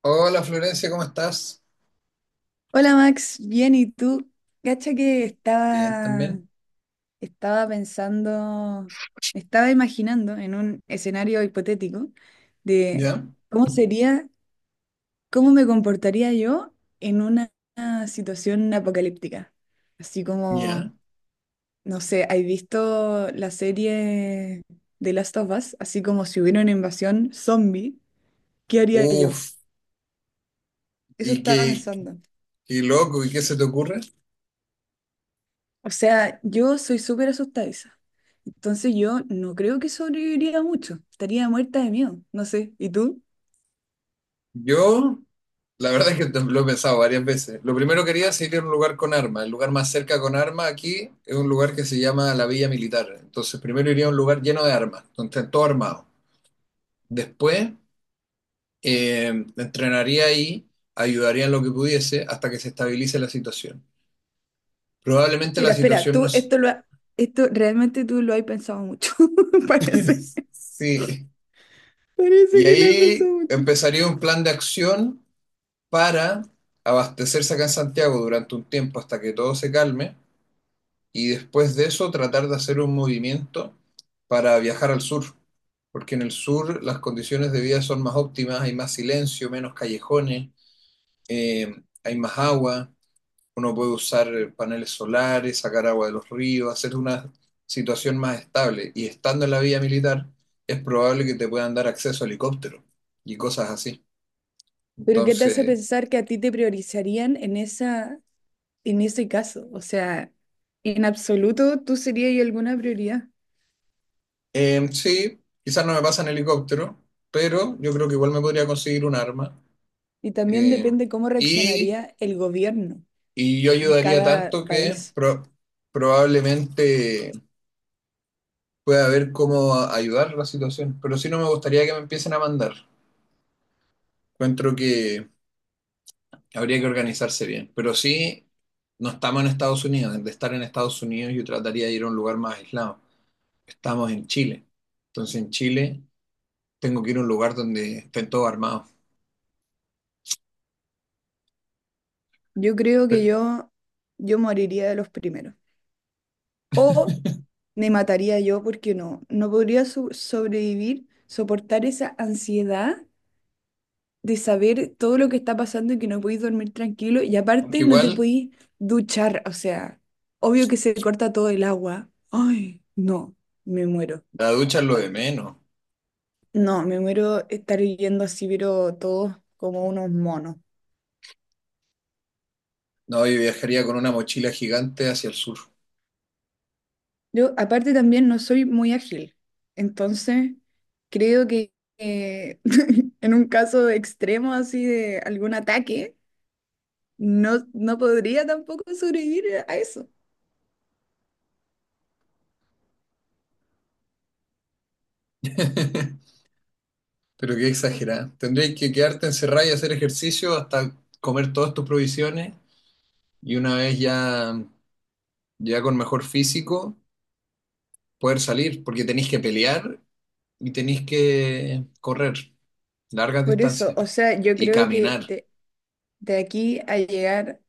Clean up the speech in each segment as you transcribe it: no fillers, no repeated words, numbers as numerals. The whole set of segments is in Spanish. Hola Florencia, ¿cómo estás? Hola Max, bien, ¿y tú? Cacha que Bien estaba, también. estaba pensando, estaba imaginando en un escenario hipotético de ¿Ya? cómo sería, cómo me comportaría yo en una situación apocalíptica. Así ¿Ya? como, no sé, ¿has visto la serie de Last of Us? Así como si hubiera una invasión zombie, ¿qué haría yo? Uf, Eso y estaba qué, pensando. qué loco, ¿y qué se te ocurre? O sea, yo soy súper asustadiza. Entonces yo no creo que sobreviviría mucho. Estaría muerta de miedo. No sé. ¿Y tú? Yo, la verdad es que lo he pensado varias veces. Lo primero que quería es ir a un lugar con armas. El lugar más cerca con armas aquí es un lugar que se llama la Villa Militar. Entonces, primero iría a un lugar lleno de armas, donde estén todo armado. Después, eh, entrenaría ahí, ayudaría en lo que pudiese hasta que se estabilice la situación. Probablemente la Espera, espera. situación no... Tú s- esto lo ha- Esto realmente tú lo has pensado mucho. Parece, Sí. Parece Y que lo has pensado ahí mucho. empezaría un plan de acción para abastecerse acá en Santiago durante un tiempo hasta que todo se calme y después de eso tratar de hacer un movimiento para viajar al sur, porque en el sur las condiciones de vida son más óptimas, hay más silencio, menos callejones, hay más agua, uno puede usar paneles solares, sacar agua de los ríos, hacer una situación más estable y estando en la vía militar es probable que te puedan dar acceso a helicóptero y cosas así. Pero ¿qué te hace Entonces, pensar que a ti te priorizarían en en ese caso? O sea, en absoluto tú serías alguna prioridad. Sí, quizás no me pasa en helicóptero, pero yo creo que igual me podría conseguir un arma. Y también Em, depende cómo y, reaccionaría el gobierno y yo en ayudaría cada tanto que país. Probablemente pueda ver cómo ayudar la situación. Pero sí no me gustaría que me empiecen a mandar. Encuentro que habría que organizarse bien. Pero sí, no estamos en Estados Unidos. De estar en Estados Unidos, yo trataría de ir a un lugar más aislado. Estamos en Chile. Entonces, en Chile, tengo que ir a un lugar donde estén todos armados. Yo creo que yo moriría de los primeros. O me mataría yo porque no podría sobrevivir, soportar esa ansiedad de saber todo lo que está pasando y que no podéis dormir tranquilo. Y Aunque aparte no te igual podéis duchar. O sea, obvio que se corta todo el agua. Ay, no, me muero. la ducha es lo de menos. No, me muero estar viviendo así, pero todos como unos monos. No, yo viajaría con una mochila gigante hacia el sur. Yo aparte también no soy muy ágil, entonces creo que eh, en un caso extremo así de algún ataque, no podría tampoco sobrevivir a eso. Pero qué exagerada. Tendrías que quedarte encerrada y hacer ejercicio hasta comer todas tus provisiones y una vez ya, con mejor físico poder salir, porque tenéis que pelear y tenéis que correr largas Por eso, distancias o sea, yo y creo que caminar. De aquí a llegar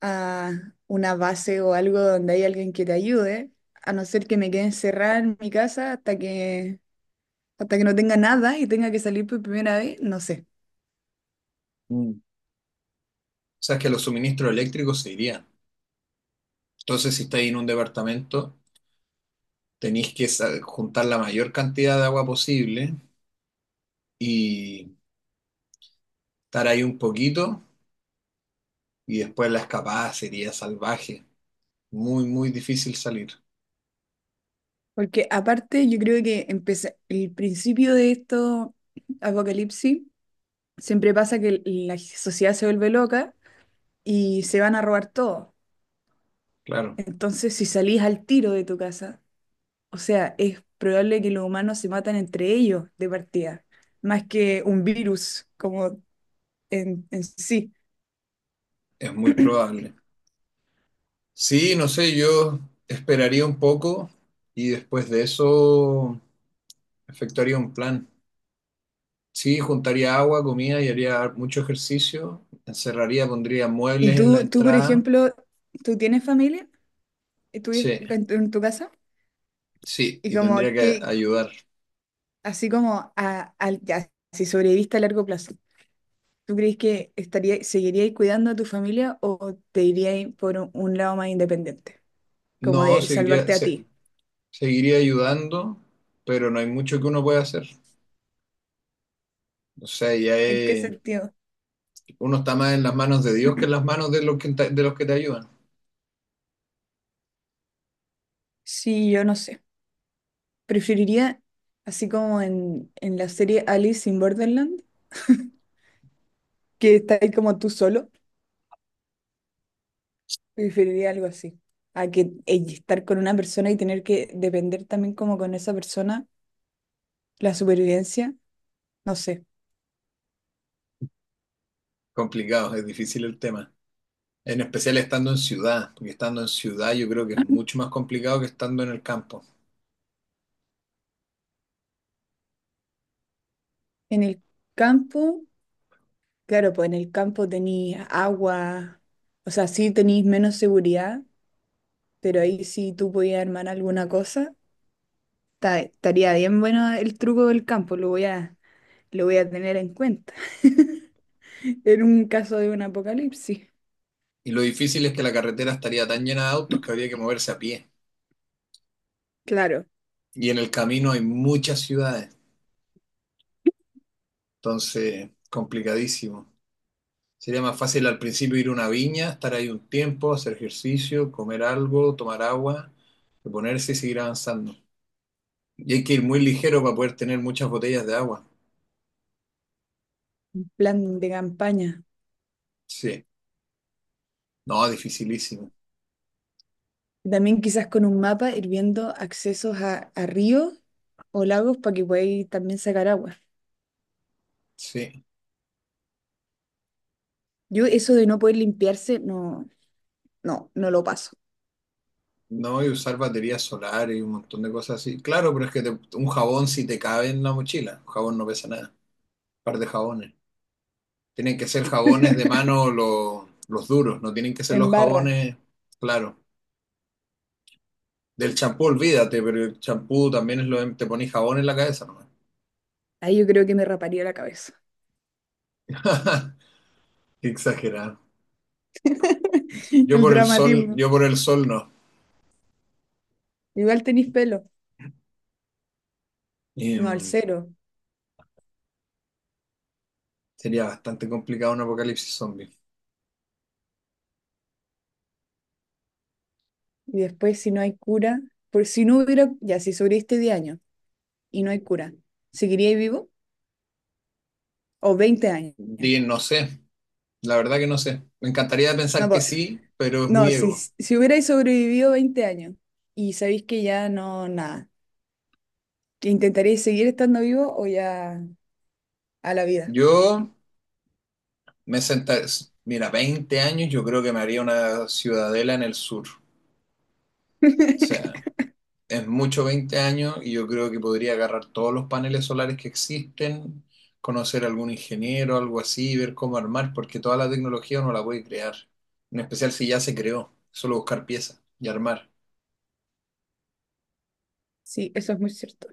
a una base o algo donde hay alguien que te ayude, a no ser que me quede encerrada en mi casa hasta hasta que no tenga nada y tenga que salir por primera vez, no sé. Mm. O sea, es que los suministros eléctricos se irían. Entonces, si estáis en un departamento, tenéis que juntar la mayor cantidad de agua posible y estar ahí un poquito y después la escapada sería salvaje. Muy, muy difícil salir. Porque aparte yo creo que el principio de esto apocalipsis siempre pasa que la sociedad se vuelve loca y se van a robar todo. Claro, Entonces, si salís al tiro de tu casa, o sea, es probable que los humanos se matan entre ellos de partida, más que un virus como en sí. es muy probable. Sí, no sé, yo esperaría un poco y después de eso efectuaría un plan. Sí, juntaría agua, comida y haría mucho ejercicio. Encerraría, pondría Y muebles en la tú, por entrada. ejemplo, ¿tú tienes familia? ¿Y ¿Tú vives Sí, en en tu casa? sí, Y y tendría como que que, ayudar. así como a, ya, si sobreviviste a largo plazo. ¿Tú crees que estaría, seguiríais cuidando a tu familia o te iríais por un lado más independiente? Como No, de seguiría, salvarte a se- ti. seguiría ayudando, pero no hay mucho que uno pueda hacer. O sea, ya ¿En qué es sentido? uno está más en las manos de Dios que en las manos de los que, de los que te ayudan. Sí, yo no sé. Preferiría, así como en la serie Alice in Borderland, que está ahí como tú solo, preferiría algo así. A que estar con una persona y tener que depender también como con esa persona, la supervivencia, no sé. Complicado, es difícil el tema. En especial estando en ciudad, porque estando en ciudad yo creo que es mucho más complicado que estando en el campo. En el campo. Claro, pues en el campo tenéis agua, o sea, sí tenéis menos seguridad, pero ahí sí tú podías armar alguna cosa. Estaría bien bueno el truco del campo, lo voy a tener en cuenta. En un caso de un apocalipsis, Y lo difícil es que la carretera estaría tan llena de autos que habría que moverse a pie. claro, Y en el camino hay muchas ciudades, entonces complicadísimo. Sería más fácil al principio ir a una viña, estar ahí un tiempo, hacer ejercicio, comer algo, tomar agua, reponerse y seguir avanzando. Y hay que ir muy ligero para poder tener muchas botellas de agua. plan de campaña. Sí. No, dificilísimo. También quizás con un mapa ir viendo accesos a ríos o lagos para que podáis también sacar agua. Sí. Yo eso de no poder limpiarse, no lo paso. No, y usar baterías solares y un montón de cosas así. Claro, pero es que un jabón sí te cabe en la mochila. Un jabón no pesa nada. Un par de jabones. Tienen que ser jabones de mano los duros. No tienen que ser En los barra, jabones, claro. Del champú, olvídate, pero el champú también es te pones jabón en la cabeza nomás. ahí yo creo que me raparía la cabeza. Qué exagerado. Yo El por el sol, dramatismo. yo por el sol no. Igual tenéis pelo. No, al Em, cero. sería bastante complicado un apocalipsis zombie. Y después, si no hay cura, por si no hubiera, ya, si sobreviviste 10 años y no hay cura, ¿seguiríais vivo? ¿O 20 años? Di, no sé. La verdad que no sé. Me encantaría No, pensar que sí, pero es no muy si, ego. si hubierais sobrevivido 20 años y sabéis que ya no, nada, ¿intentaríais seguir estando vivo o ya a la vida? Yo me sentaré, mira, 20 años, yo creo que me haría una ciudadela en el sur. O sea, es mucho 20 años y yo creo que podría agarrar todos los paneles solares que existen, conocer a algún ingeniero, algo así, ver cómo armar, porque toda la tecnología no la puede crear. En especial si ya se creó, solo buscar piezas y armar. Sí, eso es muy cierto.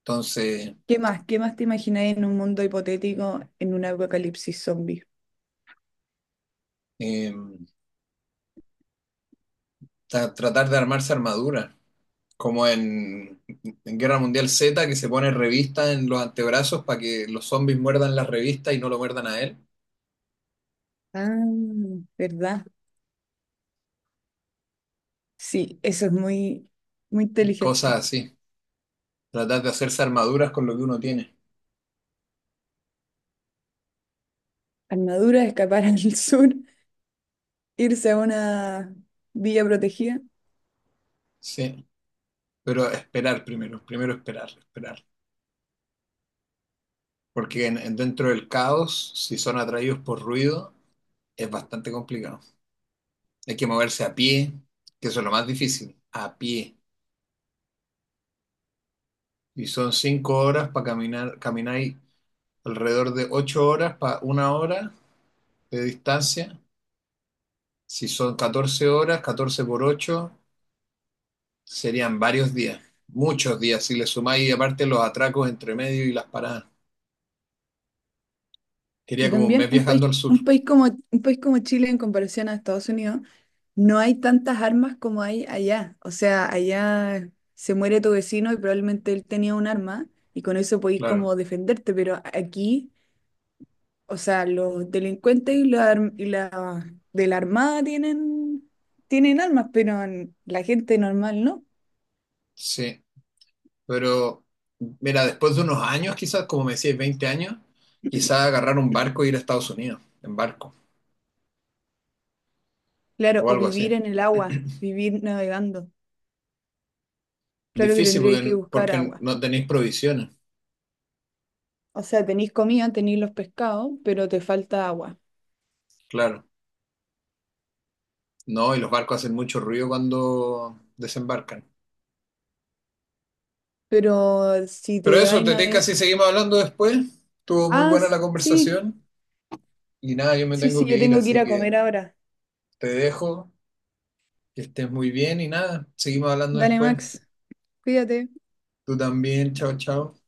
Entonces, ¿Qué más? ¿Qué más te imagináis en un mundo hipotético en un apocalipsis zombie? em, tratar de armarse armadura. Como en Guerra Mundial Z, que se pone revista en los antebrazos para que los zombies muerdan la revista y no lo muerdan a él. Ah, ¿verdad? Sí, eso es muy, muy Cosas inteligente. así. Tratar de hacerse armaduras con lo que uno tiene. Armadura, escapar al sur, irse a una villa protegida. Sí. Pero esperar primero, primero esperar, esperar. Porque dentro del caos, si son atraídos por ruido, es bastante complicado. Hay que moverse a pie, que eso es lo más difícil, a pie. Y son 5 horas para caminar, camináis alrededor de 8 horas para una hora de distancia. Si son 14 horas, 14 por 8 serían varios días, muchos días, si le sumáis aparte los atracos entre medio y las paradas. Y Quería como un mes también viajando al sur, un país como Chile en comparación a Estados Unidos, no hay tantas armas como hay allá. O sea, allá se muere tu vecino y probablemente él tenía un arma y con eso podís claro, como defenderte, pero aquí, o sea, los delincuentes y y la de la armada tienen, tienen armas, pero la gente normal no. sí. Pero, mira, después de unos años, quizás, como me decías, 20 años, quizás agarrar un barco e ir a Estados Unidos, en barco, Claro, o o algo así. vivir en el agua, vivir navegando. Claro que Difícil tendría porque, que buscar porque agua. no tenéis provisiones, O sea, tenéis comida, tenéis los pescados, pero te falta agua. claro. No, y los barcos hacen mucho ruido cuando desembarcan. Pero si Pero te eso, vais te tinca navegando... si seguimos hablando después. Estuvo muy Ah, buena la sí, conversación. Y nada, yo me sí, tengo que yo ir, tengo que ir así a que comer ahora. te dejo, que estés muy bien y nada, seguimos hablando Dale, después. Max, cuídate. Tú también, chao, chao.